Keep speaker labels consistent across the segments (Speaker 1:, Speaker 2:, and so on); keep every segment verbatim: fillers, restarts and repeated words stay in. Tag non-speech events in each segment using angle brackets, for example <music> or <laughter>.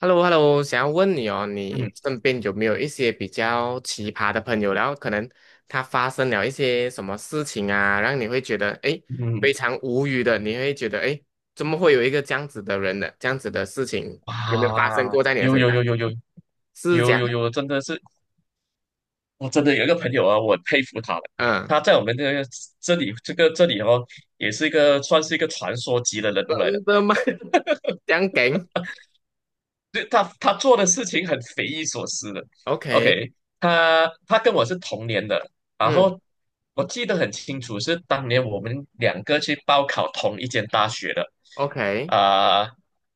Speaker 1: h e l l o h e l l o 想要问你哦，
Speaker 2: 嗯
Speaker 1: 你身边有没有一些比较奇葩的朋友？然后可能他发生了一些什么事情啊，让你会觉得诶
Speaker 2: 嗯，
Speaker 1: 非常无语的，你会觉得诶怎么会有一个这样子的人呢？这样子的事情有没有发生
Speaker 2: 啊，
Speaker 1: 过在你的
Speaker 2: 有
Speaker 1: 身
Speaker 2: 有
Speaker 1: 上？
Speaker 2: 有有有
Speaker 1: 是这
Speaker 2: 有
Speaker 1: 样，
Speaker 2: 有有，真的是，我真的有一个朋友啊，我很佩服他的。
Speaker 1: 嗯，
Speaker 2: 他在我们这个这里这个这里哦，也是一个算是一个传说级的人物来的。
Speaker 1: 真的吗？这样梗
Speaker 2: 对，他他做的事情很匪夷所思的。
Speaker 1: ？OK，
Speaker 2: OK，他他跟我是同年的，然
Speaker 1: 嗯
Speaker 2: 后我记得很清楚，是当年我们两个去报考同一间大学的，
Speaker 1: ，OK，
Speaker 2: 啊、呃，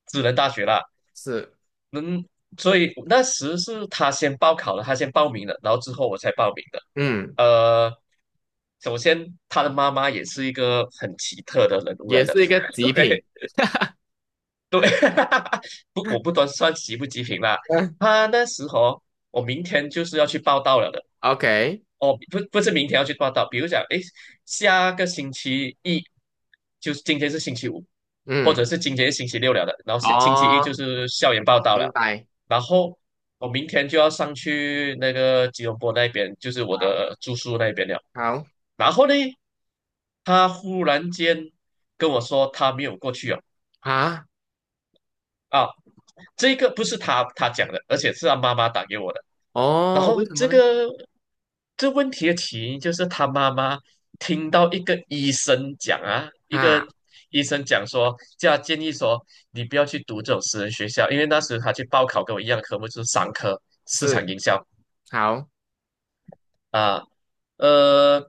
Speaker 2: 智能大学啦。
Speaker 1: 是，
Speaker 2: 能，所以那时是他先报考了，他先报名了，然后之后我才报名的。
Speaker 1: 嗯，
Speaker 2: 呃，首先他的妈妈也是一个很奇特的人物
Speaker 1: 也
Speaker 2: 来的，
Speaker 1: 是一个
Speaker 2: <laughs> o
Speaker 1: 极品，
Speaker 2: k 对，<laughs> 不，我不端算极不极品啦。
Speaker 1: 嗯
Speaker 2: 他那时候我明天就是要去报道了的，
Speaker 1: ，OK，
Speaker 2: 哦，不不是明天要去报道，比如讲，诶，下个星期一，就是今天是星期五，或者
Speaker 1: 嗯，
Speaker 2: 是今天是星期六了的，然后星星期一就
Speaker 1: 哦，
Speaker 2: 是校园报道
Speaker 1: 明
Speaker 2: 了，
Speaker 1: 白，
Speaker 2: 然后我明天就要上去那个吉隆坡那边，就是我
Speaker 1: 好，
Speaker 2: 的住宿那边了。
Speaker 1: 好，
Speaker 2: 然后呢，他忽然间跟我说他没有过去哦，
Speaker 1: 啊。
Speaker 2: 啊，这个不是他他讲的，而且是他妈妈打给我的。然
Speaker 1: 哦，为
Speaker 2: 后
Speaker 1: 什么
Speaker 2: 这
Speaker 1: 呢？
Speaker 2: 个这问题的起因就是他妈妈听到一个医生讲啊，一个
Speaker 1: 啊，
Speaker 2: 医生讲说，叫他建议说你不要去读这种私人学校，因为那时他去报考跟我一样的科目就是商科市场
Speaker 1: 是，
Speaker 2: 营销，
Speaker 1: 好，
Speaker 2: 啊，呃，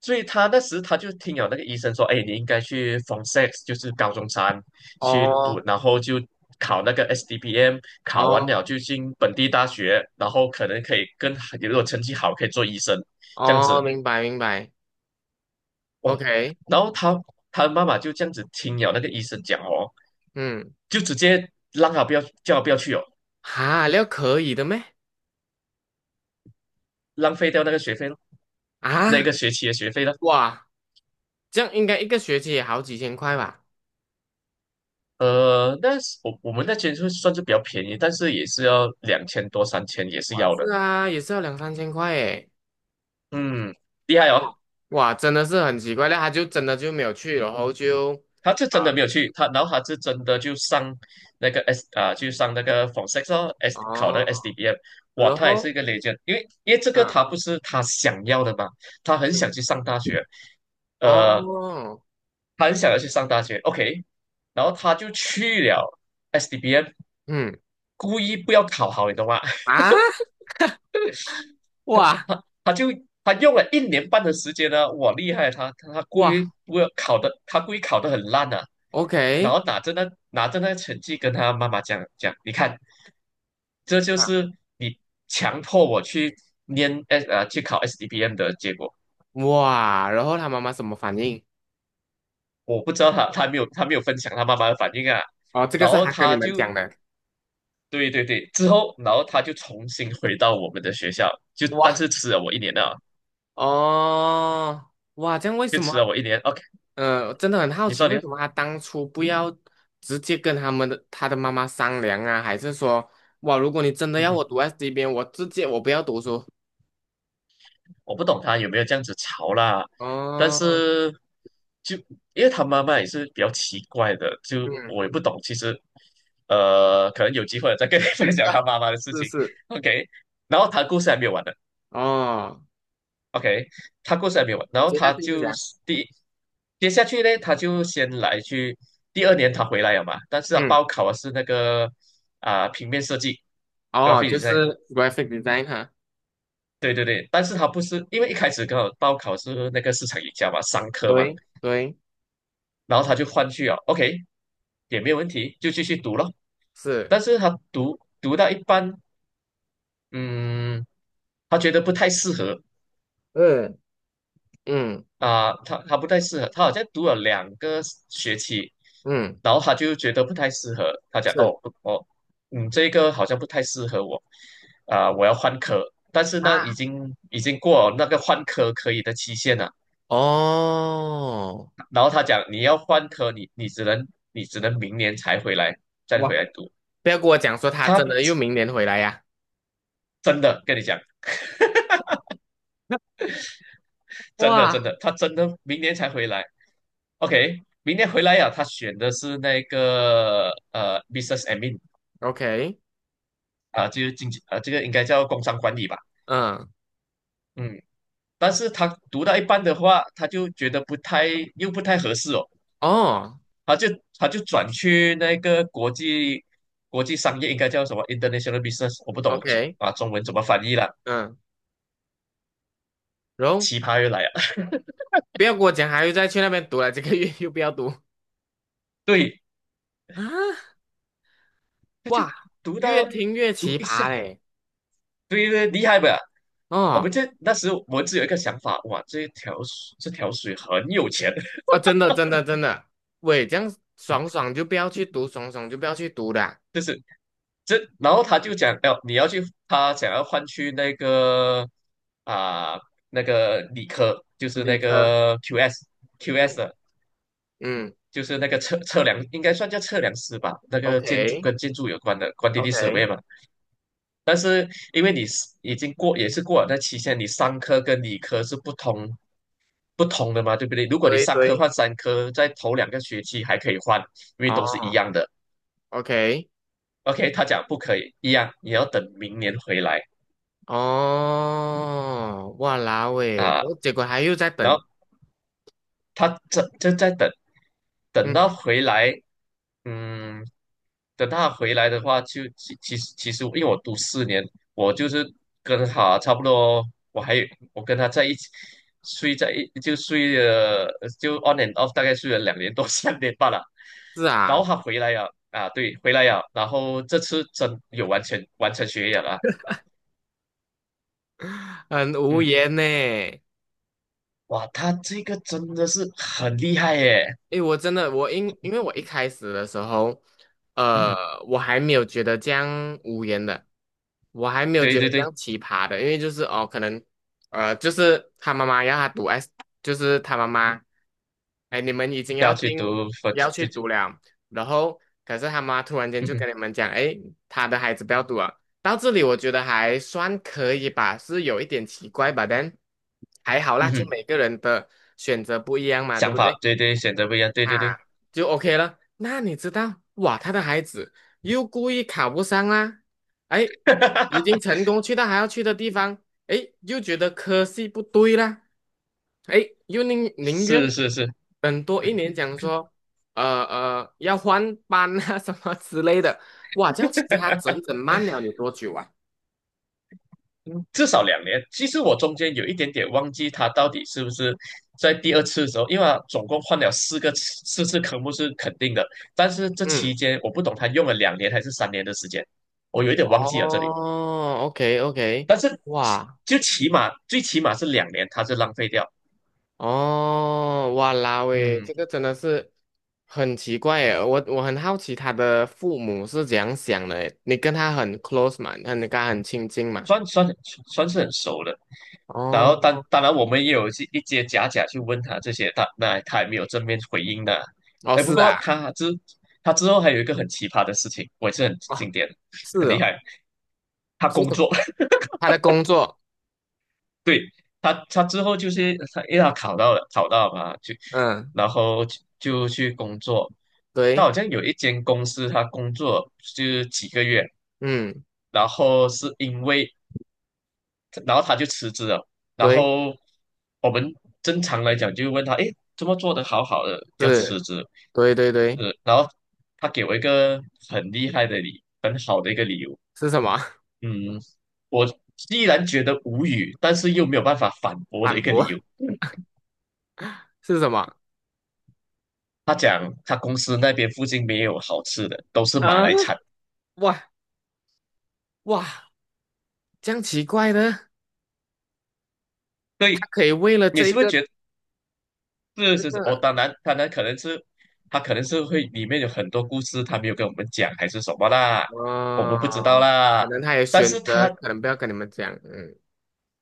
Speaker 2: 所以他那时他就听了那个医生说，哎，你应该去 Form Six，就是高中三去读，
Speaker 1: 哦，
Speaker 2: 然后就考那个 S D P M，考完
Speaker 1: 哦，
Speaker 2: 了就进本地大学，然后可能可以跟如果成绩好可以做医生这样
Speaker 1: 哦，
Speaker 2: 子
Speaker 1: 明白，明白
Speaker 2: 哦。
Speaker 1: ，OK，
Speaker 2: 然后他他的妈妈就这样子听了那个医生讲哦，
Speaker 1: 嗯，
Speaker 2: 就直接让他不要叫他不要去哦，
Speaker 1: 哈，料可以的咩？
Speaker 2: 浪费掉那个学费咯，那
Speaker 1: 啊，
Speaker 2: 个学期的学费了。
Speaker 1: 哇，这样应该一个学期也好几千块吧？
Speaker 2: 呃，那是我我们那间就算是比较便宜，但是也是要两千多三千也是
Speaker 1: 哇，
Speaker 2: 要
Speaker 1: 是
Speaker 2: 的。
Speaker 1: 啊，也是要两三千块诶。
Speaker 2: 嗯，厉害哦，
Speaker 1: 哇，哇，真的是很奇怪，那他就真的就没有去，然后就
Speaker 2: 他是真的
Speaker 1: 啊，
Speaker 2: 没有去，他然后他是真的就上那个 S 啊，就上那个 f o r s e x 哦，S 考那
Speaker 1: 哦，
Speaker 2: 个 S D B M，哇，
Speaker 1: 然
Speaker 2: 他也是
Speaker 1: 后，
Speaker 2: 一个 legend，因为因为这个
Speaker 1: 嗯
Speaker 2: 他不是他想要的嘛，他很
Speaker 1: 嗯，
Speaker 2: 想去上大学，呃，
Speaker 1: 哦，
Speaker 2: 他很想要去上大学，OK，然后他就去了 S D B M，
Speaker 1: 嗯
Speaker 2: 故意不要考好，你懂吗？
Speaker 1: 啊，哇
Speaker 2: 他他就他用了一年半的时间呢，我厉害啊！他他他故
Speaker 1: 哇
Speaker 2: 意不要考的，他故意考的很烂啊，然
Speaker 1: ，OK。
Speaker 2: 后拿着那拿着那个成绩跟他妈妈讲讲，你看，这就
Speaker 1: 啊。
Speaker 2: 是你强迫我去念 S 呃去考 s d b m 的结果。
Speaker 1: 哇，然后他妈妈什么反应？
Speaker 2: 我不知道他他没有他没有分享他妈妈的反应啊，
Speaker 1: 哦，这个
Speaker 2: 然
Speaker 1: 是
Speaker 2: 后
Speaker 1: 他跟你
Speaker 2: 他
Speaker 1: 们
Speaker 2: 就
Speaker 1: 讲的。
Speaker 2: 对对对，之后然后他就重新回到我们的学校，就但
Speaker 1: 哇，
Speaker 2: 是吃了我一年啊，
Speaker 1: 哦，哇，这样为
Speaker 2: 就
Speaker 1: 什么？
Speaker 2: 吃了我一年。OK，
Speaker 1: 呃，真的很好
Speaker 2: 你
Speaker 1: 奇，
Speaker 2: 说你
Speaker 1: 为
Speaker 2: 说，
Speaker 1: 什么他当初不要直接跟他们的他的妈妈商量啊？还是说，哇，如果你真的
Speaker 2: 嗯
Speaker 1: 要
Speaker 2: 哼。
Speaker 1: 我读 S 这边，我直接我不要读书。
Speaker 2: 我不懂他有没有这样子吵啦，但
Speaker 1: 哦，
Speaker 2: 是就因为他妈妈也是比较奇怪的，就
Speaker 1: 嗯，
Speaker 2: 我也不懂。其实，呃，可能有机会我再跟你 <laughs> 分享
Speaker 1: 啊
Speaker 2: 他妈妈的事
Speaker 1: 是
Speaker 2: 情。
Speaker 1: 是，
Speaker 2: OK，然后他故事还没有完呢。
Speaker 1: 哦，
Speaker 2: OK，他故事还没有完，然后
Speaker 1: 接下
Speaker 2: 他
Speaker 1: 去是
Speaker 2: 就
Speaker 1: 讲，
Speaker 2: 是第一接下去呢，他就先来去第二年他回来了嘛，但是他
Speaker 1: 嗯，
Speaker 2: 报考的是那个啊、平面设计
Speaker 1: 哦，
Speaker 2: graphic
Speaker 1: 就是
Speaker 2: design。
Speaker 1: graphic design 哈，
Speaker 2: 对对对，但是他不是因为一开始刚好报考是那个市场营销嘛，商科嘛，
Speaker 1: 对对，
Speaker 2: 然后他就换去啊，OK，也没有问题，就继续读了。
Speaker 1: 是，
Speaker 2: 但是他读读到一半，嗯，他觉得不太适合
Speaker 1: 嗯嗯
Speaker 2: 啊、他他不太适合，他好像读了两个学期，
Speaker 1: 嗯，
Speaker 2: 然后他就觉得不太适合，他讲哦，
Speaker 1: 是。
Speaker 2: 不哦，嗯，这个好像不太适合我，啊、我要换科，但是呢，已
Speaker 1: 啊。
Speaker 2: 经已经过了那个换科可以的期限了，
Speaker 1: 哦，
Speaker 2: 然后他讲你要换科，你你只能你只能明年才回来再回来
Speaker 1: 哇
Speaker 2: 读，
Speaker 1: 不要跟我讲说他真的
Speaker 2: 他
Speaker 1: 又明年回来呀、
Speaker 2: 真的跟你讲，
Speaker 1: <laughs>
Speaker 2: 真的
Speaker 1: 哇，
Speaker 2: 真的，他真的明年才回来。OK，明年回来呀、他选的是那个呃 business admin
Speaker 1: OK，
Speaker 2: 啊、就是经济啊、这个应该叫工商管理吧。
Speaker 1: 嗯，
Speaker 2: 嗯，但是他读到一半的话，他就觉得不太又不太合适哦，
Speaker 1: 哦
Speaker 2: 他就他就转去那个国际国际商业应该叫什么 international business，我不懂
Speaker 1: ，OK，
Speaker 2: 啊，中文怎么翻译了，
Speaker 1: 嗯，然后
Speaker 2: 奇葩又来了。
Speaker 1: 不要跟我讲还又再去那边读了，这个月又不要读
Speaker 2: 对，
Speaker 1: 啊！
Speaker 2: 他就
Speaker 1: 哇，
Speaker 2: 读
Speaker 1: 越
Speaker 2: 到
Speaker 1: 听越
Speaker 2: 读
Speaker 1: 奇
Speaker 2: 一下，
Speaker 1: 葩嘞！
Speaker 2: 对对，厉害吧？我
Speaker 1: 哦，
Speaker 2: 们这那时我们只有一个想法，哇，这一条水这条水很有钱，<laughs>
Speaker 1: 啊，真的，真的，真的，喂，这样爽爽就不要去读，爽爽就不要去读的啊
Speaker 2: 就是这，然后他就讲要你要去，他想要换去那个啊、那个理科，就是
Speaker 1: 理
Speaker 2: 那
Speaker 1: 科，
Speaker 2: 个 Q S Q S
Speaker 1: 嗯
Speaker 2: 的，
Speaker 1: 嗯
Speaker 2: 就是那个测测量，应该算叫测量师吧，那个建筑
Speaker 1: ，OK，OK，
Speaker 2: 跟建筑有关的 q u a n t 嘛，因为你是已经过也是过了那期限，你商科跟理科是不同不同的嘛，对不对？如果你
Speaker 1: 对
Speaker 2: 三科
Speaker 1: 对，
Speaker 2: 换三科，在头两个学期还可以换，因为都是一
Speaker 1: 哦
Speaker 2: 样的。
Speaker 1: ，OK，
Speaker 2: OK，他讲不可以一样，你要等明年回来
Speaker 1: 哦，哇啦喂，
Speaker 2: 啊。
Speaker 1: 我结果还又在
Speaker 2: 然
Speaker 1: 等，
Speaker 2: 后他这就在等，等
Speaker 1: 嗯，
Speaker 2: 到回来，嗯，等他回来的话就，其其实其实，因为我读四年，我就是跟他差不多，我还有我跟他在一起睡在一就睡了就 on and off，大概睡了两年多 <laughs> 三年半了，
Speaker 1: 是
Speaker 2: 然
Speaker 1: 啊，
Speaker 2: 后他回来了啊，对，回来了，然后这次真有完成完成学业了啊
Speaker 1: 很无
Speaker 2: 嗯，
Speaker 1: 言呢。
Speaker 2: 哇，他这个真的是很厉害耶，
Speaker 1: 诶，我真的，我因因为我一开始的时候，呃，
Speaker 2: 嗯，
Speaker 1: 我还没有觉得这样无言的，我还没有
Speaker 2: 对
Speaker 1: 觉
Speaker 2: 对
Speaker 1: 得这
Speaker 2: 对，
Speaker 1: 样奇葩的，因为就是哦，可能，呃，就是他妈妈要他读 S，就是他妈妈，哎，你们已经
Speaker 2: 要
Speaker 1: 要
Speaker 2: 去
Speaker 1: 进
Speaker 2: 读分，
Speaker 1: 要去读了，然后可是他妈突然间
Speaker 2: 嗯
Speaker 1: 就
Speaker 2: 哼，
Speaker 1: 跟你们讲，哎，他的孩子不要读了，到这里我觉得还算可以吧，是有一点奇怪吧，但还好啦，
Speaker 2: 嗯
Speaker 1: 就
Speaker 2: 哼，
Speaker 1: 每个人的选择不一样嘛，对
Speaker 2: 想
Speaker 1: 不
Speaker 2: 法
Speaker 1: 对？
Speaker 2: 对对，选择不一样，对对对，
Speaker 1: 啊，就 OK 了。那你知道，哇，他的孩子又故意考不上啦，哎，已经
Speaker 2: <laughs>
Speaker 1: 成功去到还要去的地方，哎，又觉得科系不对啦，哎，又宁宁愿
Speaker 2: 是是是，
Speaker 1: 等多一年，讲说，呃呃，要换班啊 <laughs> 什么之类的，哇，这样其实他整整慢了你多久啊？
Speaker 2: 嗯至少两年。其实我中间有一点点忘记他到底是不是在第二次的时候，因为他总共换了四个次四次科目是肯定的，但是这期
Speaker 1: 嗯，
Speaker 2: 间我不懂他用了两年还是三年的时间，我有一点忘记了这里。
Speaker 1: 哦，O K O K，
Speaker 2: 但是起
Speaker 1: 哇，
Speaker 2: 就起码最起码是两年，他是浪费掉。
Speaker 1: 哦，哇啦喂，
Speaker 2: 嗯。
Speaker 1: 这个真的是很奇怪耶！我我很好奇他的父母是怎样想的耶你跟他很 close 嘛？那你跟他很亲近嘛？
Speaker 2: 算算算是很熟的，然后当
Speaker 1: 哦，
Speaker 2: 当然我们也有一些一些假假去问他这些，他那他也没有正面回应的。
Speaker 1: 哦，
Speaker 2: 哎，不
Speaker 1: 是
Speaker 2: 过
Speaker 1: 啊，
Speaker 2: 他之他之后还有一个很奇葩的事情，我也是很
Speaker 1: 哦，
Speaker 2: 经典，
Speaker 1: 是
Speaker 2: 很厉
Speaker 1: 哦，
Speaker 2: 害。他
Speaker 1: 是
Speaker 2: 工
Speaker 1: 什么？
Speaker 2: 作，<laughs>
Speaker 1: 他的工作，
Speaker 2: 对，他他之后就是他，因为他考到了，考到了嘛，就
Speaker 1: 嗯，
Speaker 2: 然后就就去工作。他
Speaker 1: 对，
Speaker 2: 好像有一间公司，他工作就是几个月，
Speaker 1: 嗯，
Speaker 2: 然后是因为然后他就辞职了。然
Speaker 1: 对，
Speaker 2: 后我们正常来讲就问他，诶，怎么做得好好的要辞
Speaker 1: 是，
Speaker 2: 职？
Speaker 1: 对对对，
Speaker 2: 呃，然后他给我一个很厉害的理，很好的一个理由。
Speaker 1: 是什么？<laughs>
Speaker 2: 嗯，我依然觉得无语，但是又没有办法反驳的
Speaker 1: 反
Speaker 2: 一个
Speaker 1: 驳
Speaker 2: 理由。
Speaker 1: 是什么？
Speaker 2: 他讲他公司那边附近没有好吃的，都是马
Speaker 1: 嗯，
Speaker 2: 来餐。
Speaker 1: 哇哇，这样奇怪的，他
Speaker 2: 对，
Speaker 1: 可以为了
Speaker 2: 你
Speaker 1: 这一
Speaker 2: 是不是
Speaker 1: 个
Speaker 2: 觉得？是
Speaker 1: 这
Speaker 2: 是是，哦，
Speaker 1: 个。
Speaker 2: 当然，当然可能是他可能是会里面有很多故事，他没有跟我们讲，还是什么啦，我们不知道
Speaker 1: 哦，
Speaker 2: 啦。
Speaker 1: 可能他也
Speaker 2: 但
Speaker 1: 选
Speaker 2: 是
Speaker 1: 择，
Speaker 2: 他
Speaker 1: 可能不要跟你们讲，嗯，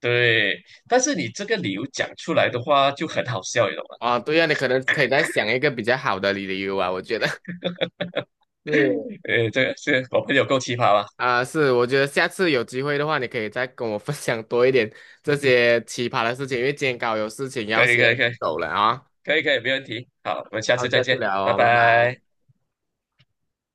Speaker 2: 对，但是你这个理由讲出来的话就很好笑，你懂吗？
Speaker 1: 哦，对呀、你可能可以再想一个比较好的理由啊，我觉得，<laughs> 是，
Speaker 2: <laughs> 呃，这个是我朋友够奇葩吧？
Speaker 1: 啊、是，我觉得下次有机会的话，你可以再跟我分享多一点这些奇葩的事情，因为今天刚好有事情要
Speaker 2: 可以
Speaker 1: 先
Speaker 2: 可以可以
Speaker 1: 走了啊，
Speaker 2: 可以可以，没问题。好，我们下
Speaker 1: 好，
Speaker 2: 次再
Speaker 1: 下次
Speaker 2: 见，
Speaker 1: 聊
Speaker 2: 拜
Speaker 1: 哦，拜
Speaker 2: 拜。
Speaker 1: 拜。